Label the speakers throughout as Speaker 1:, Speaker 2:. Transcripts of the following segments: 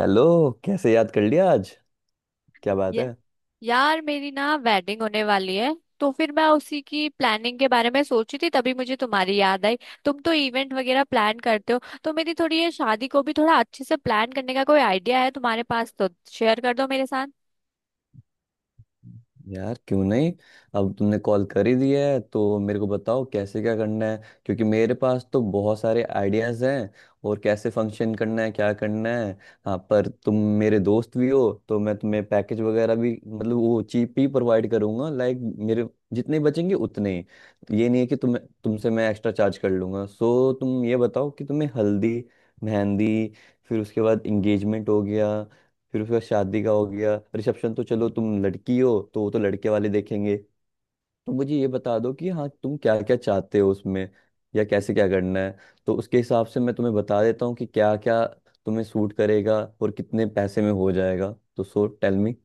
Speaker 1: Hello. कैसे याद कर लिया आज? क्या बात है?
Speaker 2: ये यार मेरी ना वेडिंग होने वाली है। तो फिर मैं उसी की प्लानिंग के बारे में सोची थी तभी मुझे तुम्हारी याद आई। तुम तो इवेंट वगैरह प्लान करते हो तो मेरी थोड़ी ये शादी को भी थोड़ा अच्छे से प्लान करने का कोई आइडिया है तुम्हारे पास तो शेयर कर दो मेरे साथ।
Speaker 1: यार क्यों नहीं। अब तुमने कॉल कर ही दिया है तो मेरे को बताओ कैसे क्या करना है, क्योंकि मेरे पास तो बहुत सारे आइडियाज हैं और कैसे फंक्शन करना है क्या करना है। हाँ पर तुम मेरे दोस्त भी हो तो मैं तुम्हें पैकेज वगैरह भी मतलब वो चीप ही प्रोवाइड करूंगा, लाइक मेरे जितने बचेंगे उतने ही, ये नहीं है कि तुमसे मैं एक्स्ट्रा चार्ज कर लूंगा। सो तुम ये बताओ कि तुम्हें हल्दी, मेहंदी, फिर उसके बाद इंगेजमेंट हो गया, फिर उसका शादी का हो गया रिसेप्शन। तो चलो तुम लड़की हो तो वो तो लड़के वाले देखेंगे, तो मुझे ये बता दो कि हाँ तुम क्या क्या चाहते हो उसमें या कैसे क्या करना है, तो उसके हिसाब से मैं तुम्हें बता देता हूँ कि क्या क्या तुम्हें सूट करेगा और कितने पैसे में हो जाएगा। तो सो टेल मी।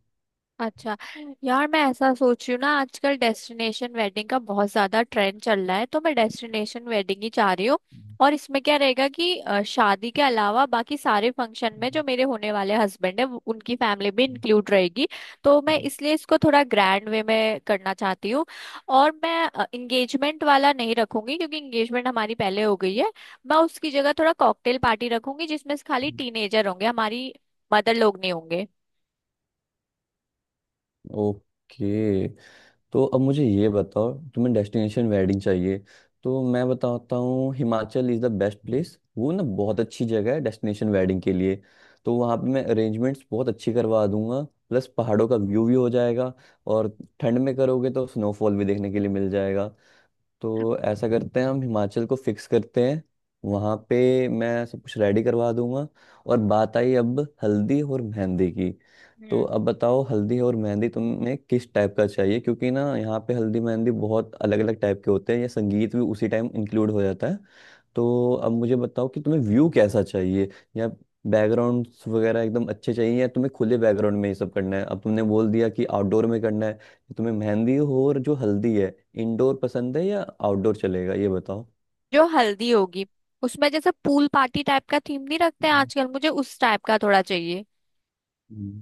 Speaker 2: अच्छा, यार मैं ऐसा सोच रही हूँ ना, आजकल डेस्टिनेशन वेडिंग का बहुत ज्यादा ट्रेंड चल रहा है तो मैं डेस्टिनेशन वेडिंग ही चाह रही हूँ। और इसमें क्या रहेगा कि शादी के अलावा बाकी सारे फंक्शन में जो मेरे होने वाले हस्बैंड है उनकी फैमिली भी इंक्लूड रहेगी। तो मैं इसलिए इसको थोड़ा ग्रैंड वे में करना चाहती हूँ। और मैं इंगेजमेंट वाला नहीं रखूंगी क्योंकि इंगेजमेंट हमारी पहले हो गई है। मैं उसकी जगह थोड़ा कॉकटेल पार्टी रखूंगी जिसमें खाली टीनेजर होंगे, हमारी मदर लोग नहीं होंगे।
Speaker 1: ओके। तो अब मुझे ये बताओ तुम्हें डेस्टिनेशन वेडिंग चाहिए, तो मैं बताता हूँ Himachal is the best place. वो ना बहुत अच्छी जगह है डेस्टिनेशन वेडिंग के लिए। तो वहाँ पे मैं अरेंजमेंट्स बहुत अच्छी करवा दूंगा, प्लस पहाड़ों का व्यू भी हो जाएगा और ठंड में करोगे तो स्नोफॉल भी देखने के लिए मिल जाएगा। तो ऐसा करते हैं हम हिमाचल को फिक्स करते हैं। वहाँ पे मैं सब कुछ रेडी करवा दूंगा। और बात आई अब हल्दी और मेहंदी की। तो
Speaker 2: हम्म।
Speaker 1: अब बताओ हल्दी और मेहंदी तुम्हें किस टाइप का चाहिए, क्योंकि ना यहाँ पे हल्दी मेहंदी बहुत अलग अलग टाइप के होते हैं या संगीत भी उसी टाइम इंक्लूड हो जाता है। तो अब मुझे बताओ कि तुम्हें व्यू कैसा चाहिए या बैकग्राउंड वगैरह एकदम अच्छे चाहिए या तुम्हें खुले बैकग्राउंड में ये सब करना है। अब तुमने बोल दिया कि आउटडोर में करना है, तो तुम्हें मेहंदी हो और जो हल्दी है इंडोर पसंद है या आउटडोर चलेगा ये बताओ।
Speaker 2: जो हल्दी होगी उसमें जैसे पूल पार्टी टाइप का थीम नहीं रखते हैं
Speaker 1: हम्म,
Speaker 2: आजकल, मुझे उस टाइप का थोड़ा चाहिए।
Speaker 1: हम्म,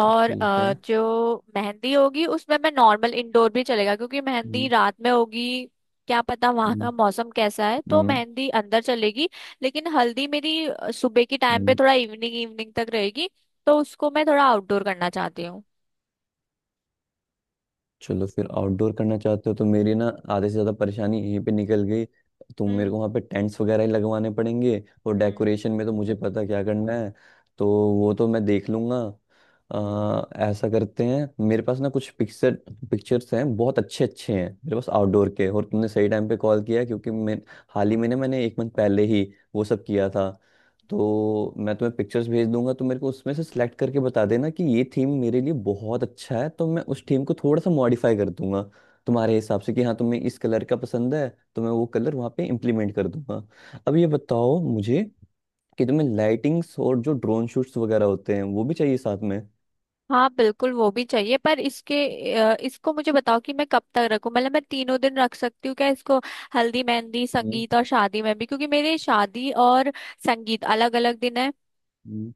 Speaker 2: और
Speaker 1: ठीक है।
Speaker 2: जो मेहंदी होगी उसमें मैं नॉर्मल इंडोर भी चलेगा क्योंकि मेहंदी
Speaker 1: हम्म,
Speaker 2: रात में होगी। क्या पता वहां का
Speaker 1: हम्म,
Speaker 2: मौसम कैसा है, तो
Speaker 1: हम्म,
Speaker 2: मेहंदी अंदर चलेगी। लेकिन हल्दी मेरी सुबह के टाइम पे
Speaker 1: हम्म,
Speaker 2: थोड़ा इवनिंग इवनिंग तक रहेगी। तो उसको मैं थोड़ा आउटडोर करना चाहती हूँ।
Speaker 1: चलो फिर आउटडोर करना चाहते हो तो मेरी ना आधे से ज़्यादा परेशानी यहीं पे निकल गई। तो मेरे
Speaker 2: हम्म।
Speaker 1: को वहाँ पे टेंट्स वगैरह ही लगवाने पड़ेंगे और
Speaker 2: हम्म।
Speaker 1: डेकोरेशन में तो मुझे पता क्या करना है। तो वो तो मैं देख लूँगा।
Speaker 2: हम्म।
Speaker 1: आ, ऐसा करते हैं मेरे पास ना कुछ पिक्चर्स हैं, बहुत अच्छे अच्छे हैं मेरे पास आउटडोर के। और तुमने सही टाइम पे कॉल किया क्योंकि मैं हाल ही में ना मैंने 1 मंथ पहले ही वो सब किया था। तो मैं तुम्हें पिक्चर्स भेज दूंगा तो मेरे को उसमें से सिलेक्ट करके बता देना कि ये थीम मेरे लिए बहुत अच्छा है, तो मैं उस थीम को थोड़ा सा मॉडिफाई कर दूंगा तुम्हारे हिसाब से कि हाँ तुम्हें इस कलर का पसंद है तो मैं वो कलर वहाँ पे इम्प्लीमेंट कर दूंगा। अब ये बताओ मुझे कि तुम्हें लाइटिंग्स और जो ड्रोन शूट्स वगैरह होते हैं वो भी चाहिए साथ में।
Speaker 2: हाँ बिल्कुल वो भी चाहिए, पर इसके इसको मुझे बताओ कि मैं कब तक रखूं, मतलब मैं तीनों दिन रख सकती हूँ क्या इसको। हल्दी मेहंदी
Speaker 1: हम्म,
Speaker 2: संगीत और शादी में भी, क्योंकि मेरे शादी और संगीत अलग अलग दिन है।
Speaker 1: हम्म।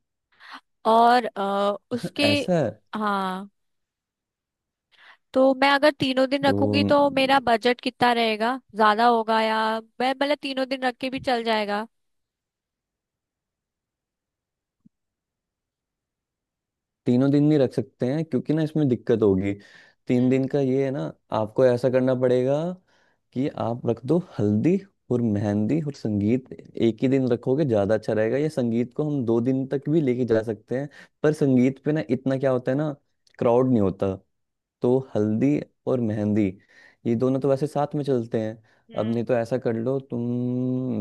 Speaker 2: और अ, उसके
Speaker 1: ऐसा है?
Speaker 2: हाँ, तो मैं अगर तीनों दिन
Speaker 1: तो
Speaker 2: रखूंगी
Speaker 1: अम,
Speaker 2: तो मेरा बजट कितना रहेगा, ज्यादा होगा या मैं मतलब तीनों दिन रख के भी चल जाएगा।
Speaker 1: तीनों दिन नहीं रख सकते हैं क्योंकि ना इसमें दिक्कत होगी। तीन
Speaker 2: हम्म।
Speaker 1: दिन का ये है ना, आपको ऐसा करना पड़ेगा कि आप रख दो हल्दी और मेहंदी और संगीत एक ही दिन, रखोगे ज्यादा अच्छा रहेगा या संगीत को हम 2 दिन तक भी लेके जा सकते हैं, पर संगीत पे ना इतना क्या होता है ना, क्राउड नहीं होता। तो हल्दी और मेहंदी ये दोनों तो वैसे साथ में चलते हैं। अब
Speaker 2: हम्म।
Speaker 1: नहीं तो ऐसा कर लो तुम,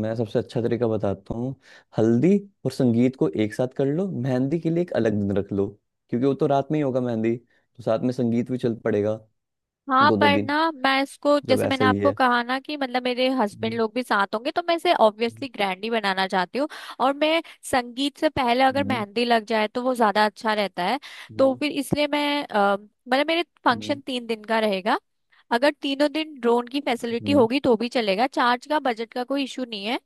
Speaker 1: मैं सबसे अच्छा तरीका बताता हूँ। हल्दी और
Speaker 2: हम्म।
Speaker 1: संगीत को एक साथ कर लो, मेहंदी के लिए एक अलग दिन रख लो, क्योंकि वो तो रात में ही होगा मेहंदी तो साथ में संगीत भी चल पड़ेगा।
Speaker 2: हाँ
Speaker 1: दोनों
Speaker 2: पर
Speaker 1: दिन
Speaker 2: ना मैं इसको,
Speaker 1: जब
Speaker 2: जैसे मैंने
Speaker 1: ऐसा ही
Speaker 2: आपको
Speaker 1: है।
Speaker 2: कहा ना कि मतलब मेरे हस्बैंड
Speaker 1: हम्म।
Speaker 2: लोग भी साथ होंगे तो मैं इसे ऑब्वियसली ग्रैंड ही बनाना चाहती हूँ। और मैं संगीत से पहले अगर
Speaker 1: हम्म।
Speaker 2: मेहंदी लग जाए तो वो ज्यादा अच्छा रहता है। तो
Speaker 1: हम्म।
Speaker 2: फिर इसलिए मैं मतलब मेरे फंक्शन
Speaker 1: हम्म।
Speaker 2: 3 दिन का रहेगा। अगर तीनों दिन ड्रोन की फैसिलिटी
Speaker 1: हम्म।
Speaker 2: होगी तो भी चलेगा, चार्ज का बजट का कोई इशू नहीं है।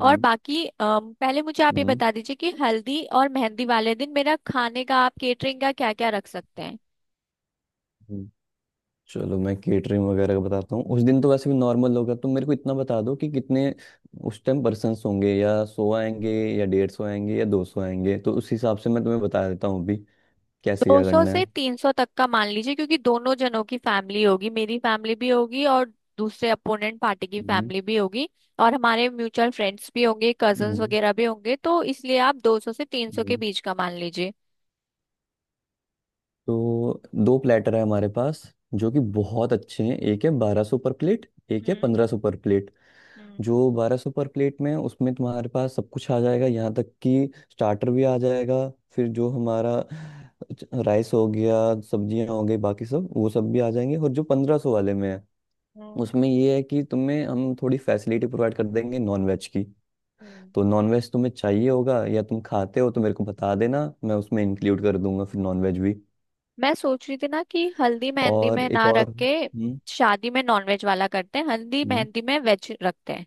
Speaker 2: और बाकी पहले मुझे आप ये
Speaker 1: हम्म,
Speaker 2: बता दीजिए कि हल्दी और मेहंदी वाले दिन मेरा खाने का आप केटरिंग का क्या क्या रख सकते हैं।
Speaker 1: हम्म। चलो मैं केटरिंग वगैरह का बताता हूँ, उस दिन तो वैसे भी नॉर्मल होगा। तुम मेरे को इतना बता दो कि कितने उस टाइम पर्सन्स होंगे, या 100 आएंगे या 150 आएंगे या 200 आएंगे, तो उस हिसाब से मैं तुम्हें बता देता हूँ अभी कैसे
Speaker 2: दो
Speaker 1: क्या
Speaker 2: सौ
Speaker 1: करना
Speaker 2: से
Speaker 1: है।
Speaker 2: 300 तक का मान लीजिए, क्योंकि दोनों जनों की फैमिली होगी, मेरी फैमिली भी होगी और दूसरे अपोनेंट पार्टी की
Speaker 1: हम्म।
Speaker 2: फैमिली भी होगी। और हमारे म्यूचुअल फ्रेंड्स भी होंगे, कजन्स
Speaker 1: हम्म,
Speaker 2: वगैरह भी होंगे, तो इसलिए आप 200 से तीन सौ के
Speaker 1: हम्म।
Speaker 2: बीच का मान लीजिए।
Speaker 1: तो दो प्लेटर है हमारे पास जो कि बहुत अच्छे हैं, एक है 1200 पर प्लेट, एक है
Speaker 2: हम्म।
Speaker 1: 1500 पर प्लेट।
Speaker 2: हम्म।
Speaker 1: जो 1200 पर प्लेट में है, उसमें तुम्हारे पास सब कुछ आ जाएगा, यहाँ तक कि स्टार्टर भी आ जाएगा। फिर जो हमारा राइस हो गया, सब्जियां हो गई, बाकी सब वो सब भी आ जाएंगे। और जो 1500 वाले में है
Speaker 2: हम्म।
Speaker 1: उसमें ये है कि तुम्हें हम थोड़ी फैसिलिटी प्रोवाइड कर देंगे नॉन वेज की।
Speaker 2: हम्म।
Speaker 1: तो नॉन वेज तुम्हें चाहिए होगा या तुम खाते हो तो मेरे को बता देना, मैं उसमें इंक्लूड कर दूंगा फिर नॉन वेज भी।
Speaker 2: मैं सोच रही थी ना कि हल्दी मेहंदी
Speaker 1: और
Speaker 2: में
Speaker 1: एक
Speaker 2: ना रख
Speaker 1: और
Speaker 2: के
Speaker 1: हम्म।
Speaker 2: शादी में नॉनवेज वाला करते हैं, हल्दी
Speaker 1: हम्म।
Speaker 2: मेहंदी में वेज रखते हैं।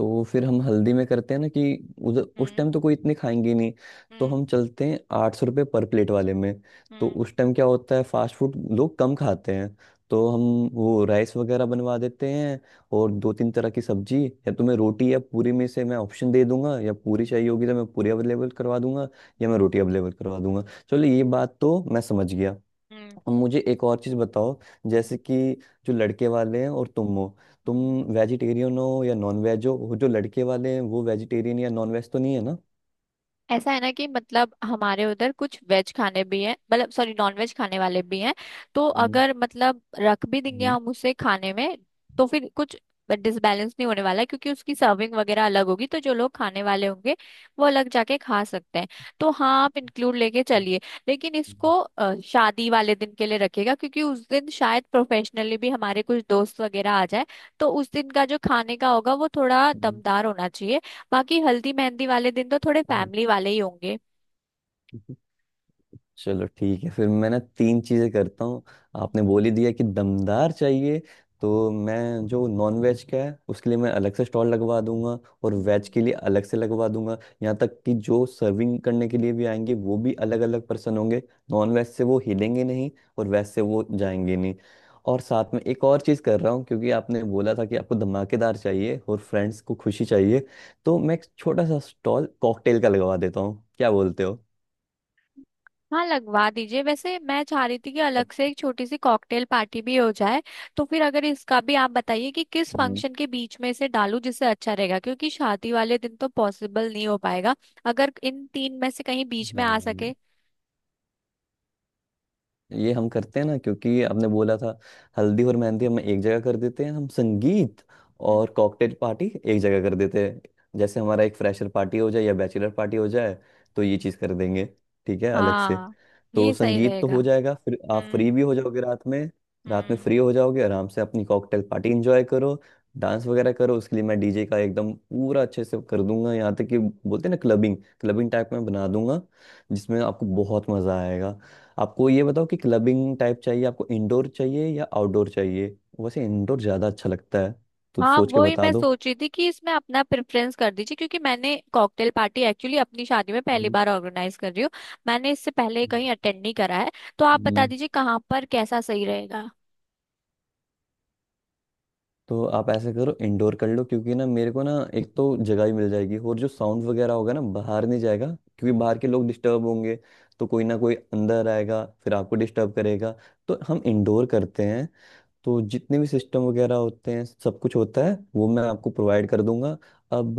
Speaker 1: तो फिर हम हल्दी में करते हैं ना कि उधर उस
Speaker 2: हम्म।
Speaker 1: टाइम तो कोई इतने खाएंगे ही नहीं। तो
Speaker 2: हम्म।
Speaker 1: हम चलते हैं 800 रुपये पर प्लेट वाले में। तो
Speaker 2: हम्म।
Speaker 1: उस टाइम क्या होता है, फास्ट फूड लोग कम खाते हैं। तो हम
Speaker 2: हम्म।
Speaker 1: वो राइस वगैरह बनवा देते हैं और दो तीन तरह की सब्जी, या तुम्हें
Speaker 2: हम्म।
Speaker 1: रोटी या पूरी में से मैं ऑप्शन दे दूंगा। या पूरी चाहिए होगी तो मैं पूरी अवेलेबल करवा दूंगा या मैं
Speaker 2: हम्म।
Speaker 1: रोटी अवेलेबल करवा दूंगा। चलो ये बात तो मैं समझ गया।
Speaker 2: हम्म।
Speaker 1: अब मुझे एक और चीज़ बताओ,
Speaker 2: हम्म,
Speaker 1: जैसे कि जो लड़के वाले हैं और तुम हो, तुम
Speaker 2: हम्म।
Speaker 1: वेजिटेरियन हो या नॉन वेज हो, वो जो लड़के वाले हैं वो वेजिटेरियन या नॉन वेज तो नहीं है ना?
Speaker 2: ऐसा है ना कि मतलब हमारे उधर कुछ वेज खाने भी हैं, मतलब सॉरी नॉन वेज खाने वाले भी हैं। तो
Speaker 1: हम्म,
Speaker 2: अगर मतलब रख भी देंगे
Speaker 1: हम्म,
Speaker 2: हम उसे खाने में, तो फिर कुछ डिसबैलेंस नहीं होने वाला है, क्योंकि उसकी सर्विंग वगैरह अलग होगी तो जो लोग खाने वाले होंगे वो अलग जाके खा सकते हैं। तो हाँ आप इंक्लूड लेके चलिए। लेकिन इसको शादी वाले दिन के लिए रखिएगा क्योंकि उस दिन शायद प्रोफेशनली भी हमारे कुछ दोस्त वगैरह आ जाए। तो उस दिन का जो खाने का होगा वो थोड़ा
Speaker 1: हम्म,
Speaker 2: दमदार होना चाहिए। बाकी हल्दी मेहंदी वाले दिन तो थोड़े फैमिली वाले ही होंगे।
Speaker 1: हम्म। चलो ठीक है, फिर मैं ना तीन चीजें करता हूँ। आपने
Speaker 2: हम्म,
Speaker 1: बोल ही दिया कि दमदार चाहिए, तो मैं जो नॉन वेज का है उसके लिए मैं अलग से स्टॉल लगवा दूंगा और वेज
Speaker 2: हम्म।
Speaker 1: के लिए अलग से लगवा दूंगा। यहाँ तक कि जो सर्विंग करने के लिए भी आएंगे वो भी अलग अलग पर्सन होंगे। नॉन वेज से वो हिलेंगे नहीं और वेज से वो जाएंगे नहीं। और साथ में एक और चीज़ कर रहा हूँ क्योंकि आपने बोला था कि आपको धमाकेदार चाहिए और फ्रेंड्स को खुशी चाहिए, तो
Speaker 2: हम्म।
Speaker 1: मैं एक छोटा सा स्टॉल कॉकटेल का लगवा देता हूँ, क्या बोलते हो?
Speaker 2: हाँ लगवा दीजिए। वैसे मैं चाह रही थी कि अलग से एक छोटी सी कॉकटेल पार्टी भी हो जाए। तो फिर अगर इसका भी आप बताइए कि किस
Speaker 1: अच्छा।
Speaker 2: फंक्शन के बीच में इसे डालूं जिससे अच्छा रहेगा, क्योंकि शादी वाले दिन तो पॉसिबल नहीं हो पाएगा। अगर इन 3 में से कहीं बीच में आ
Speaker 1: हाँ,
Speaker 2: सके।
Speaker 1: ये हम करते हैं ना, क्योंकि आपने बोला था हल्दी और मेहंदी हम एक जगह कर देते हैं, हम
Speaker 2: हम्म,
Speaker 1: संगीत
Speaker 2: हम्म।
Speaker 1: और कॉकटेल पार्टी एक जगह कर देते हैं जैसे हमारा एक फ्रेशर पार्टी हो जाए या बैचलर पार्टी हो जाए। तो ये चीज़ कर देंगे ठीक है अलग से।
Speaker 2: हाँ,
Speaker 1: तो
Speaker 2: ये सही
Speaker 1: संगीत तो
Speaker 2: रहेगा।
Speaker 1: हो जाएगा फिर आप फ्री
Speaker 2: हम्म,
Speaker 1: भी हो जाओगे रात में। रात में
Speaker 2: हम्म।
Speaker 1: फ्री हो जाओगे आराम से अपनी कॉकटेल पार्टी एंजॉय करो, डांस वगैरह करो। उसके लिए मैं डीजे का एकदम पूरा अच्छे से कर दूंगा, यहाँ तक कि बोलते हैं ना क्लबिंग, क्लबिंग टाइप में बना दूंगा जिसमें आपको बहुत मज़ा आएगा। आपको ये बताओ कि क्लबिंग टाइप चाहिए, आपको इंडोर चाहिए या आउटडोर चाहिए? वैसे इंडोर ज़्यादा अच्छा लगता है, तो
Speaker 2: हाँ,
Speaker 1: सोच के
Speaker 2: वही
Speaker 1: बता
Speaker 2: मैं
Speaker 1: दो।
Speaker 2: सोच रही थी कि इसमें अपना प्रेफरेंस कर दीजिए, क्योंकि मैंने कॉकटेल पार्टी एक्चुअली अपनी शादी में पहली
Speaker 1: हम्म,
Speaker 2: बार ऑर्गेनाइज कर रही हूँ। मैंने इससे पहले कहीं अटेंड नहीं करा है। तो आप बता
Speaker 1: हम्म।
Speaker 2: दीजिए कहाँ पर कैसा सही रहेगा।
Speaker 1: तो आप ऐसे करो इंडोर कर लो, क्योंकि ना मेरे को ना एक तो जगह ही मिल जाएगी और जो साउंड वगैरह होगा ना बाहर नहीं जाएगा, क्योंकि बाहर के लोग डिस्टर्ब होंगे। तो कोई ना कोई अंदर आएगा फिर आपको डिस्टर्ब करेगा, तो हम इंडोर करते हैं। तो जितने भी सिस्टम वगैरह होते हैं सब कुछ होता है वो मैं आपको प्रोवाइड कर दूंगा। अब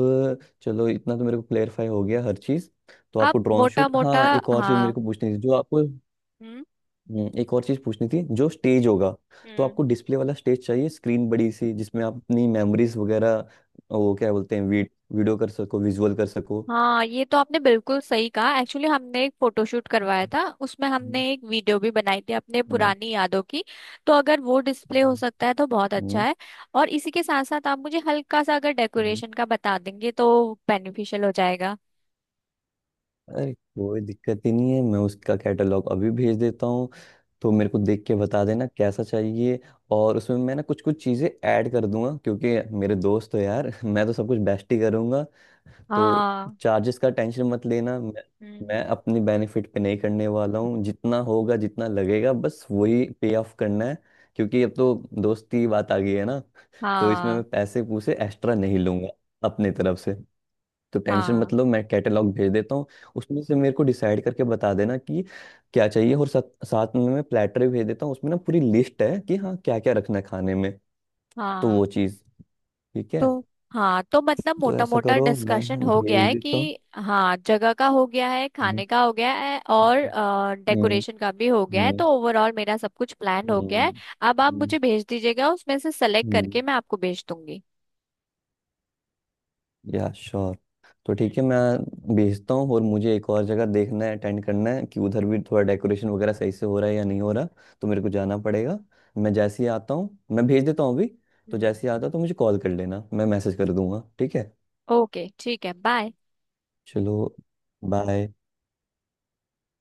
Speaker 1: चलो इतना तो मेरे को क्लेरिफाई हो गया हर चीज़। तो
Speaker 2: आप
Speaker 1: आपको ड्रोन
Speaker 2: मोटा
Speaker 1: शूट,
Speaker 2: मोटा,
Speaker 1: हाँ एक और चीज़ मेरे
Speaker 2: हाँ,
Speaker 1: को पूछनी थी जो आपको,
Speaker 2: हम्म।
Speaker 1: एक और चीज़ पूछनी थी जो स्टेज होगा। तो
Speaker 2: हम्म।
Speaker 1: आपको डिस्प्ले वाला स्टेज चाहिए, स्क्रीन बड़ी सी जिसमें आप अपनी मेमोरीज वगैरह, वो क्या बोलते हैं वीडियो कर सको, विजुअल कर सको।
Speaker 2: हाँ ये तो आपने बिल्कुल सही कहा। एक्चुअली हमने एक फोटोशूट करवाया था उसमें हमने
Speaker 1: हम्म,
Speaker 2: एक वीडियो भी बनाई थी अपने
Speaker 1: हम्म,
Speaker 2: पुरानी यादों की। तो अगर वो डिस्प्ले हो सकता है तो बहुत अच्छा
Speaker 1: हम्म,
Speaker 2: है। और इसी के साथ साथ आप मुझे हल्का सा अगर
Speaker 1: हम्म,
Speaker 2: डेकोरेशन का बता देंगे तो बेनिफिशियल हो जाएगा।
Speaker 1: अरे कोई दिक्कत ही नहीं है, मैं उसका कैटलॉग अभी भेज देता हूँ। तो मेरे को देख के बता देना कैसा चाहिए और उसमें मैं ना कुछ कुछ चीज़ें ऐड कर दूंगा, क्योंकि मेरे दोस्त हो यार मैं तो सब कुछ बेस्ट ही करूंगा। तो
Speaker 2: हाँ।
Speaker 1: चार्जेस का टेंशन मत लेना। मैं
Speaker 2: हम्म।
Speaker 1: मैं अपनी बेनिफिट पे नहीं करने वाला हूँ, जितना होगा जितना लगेगा बस वही पे ऑफ करना है, क्योंकि अब तो दोस्ती बात आ गई है ना। तो इसमें
Speaker 2: हाँ।
Speaker 1: मैं पैसे पूसे एक्स्ट्रा नहीं लूंगा अपने तरफ से। तो टेंशन
Speaker 2: हाँ।
Speaker 1: मतलब मैं कैटलॉग भेज देता हूँ, उसमें से मेरे को डिसाइड करके बता देना कि क्या चाहिए। और साथ में मैं प्लेटर भी भेज देता हूँ, उसमें ना पूरी लिस्ट है कि हाँ क्या क्या रखना है खाने में। तो
Speaker 2: हाँ।
Speaker 1: वो चीज़ ठीक है।
Speaker 2: तो हाँ तो मतलब
Speaker 1: तो
Speaker 2: मोटा
Speaker 1: ऐसा
Speaker 2: मोटा
Speaker 1: करो मैं
Speaker 2: डिस्कशन हो गया
Speaker 1: भेज
Speaker 2: है
Speaker 1: देता हूँ।
Speaker 2: कि हाँ, जगह का हो गया है,
Speaker 1: हम्म,
Speaker 2: खाने का हो गया है और
Speaker 1: हम्म, हम्म,
Speaker 2: डेकोरेशन का भी हो गया है,
Speaker 1: हम्म,
Speaker 2: तो ओवरऑल मेरा सब कुछ प्लान हो
Speaker 1: हम्म,
Speaker 2: गया है।
Speaker 1: हम्म,
Speaker 2: अब आप
Speaker 1: हम्म,
Speaker 2: मुझे भेज दीजिएगा उसमें से सेलेक्ट
Speaker 1: हम्म।
Speaker 2: करके मैं आपको भेज दूंगी।
Speaker 1: या श्योर। तो ठीक
Speaker 2: हम्म।
Speaker 1: है मैं भेजता हूँ। और मुझे एक और जगह देखना है अटेंड करना है, कि उधर भी थोड़ा डेकोरेशन वगैरह सही से हो रहा है या नहीं हो रहा, तो मेरे को जाना पड़ेगा। मैं जैसे ही आता हूँ मैं भेज देता हूँ अभी। तो
Speaker 2: हम्म।
Speaker 1: जैसे ही आता हूँ तो मुझे कॉल कर लेना, मैं मैसेज कर दूंगा ठीक है।
Speaker 2: ओके, ठीक है, बाय।
Speaker 1: चलो, बाय।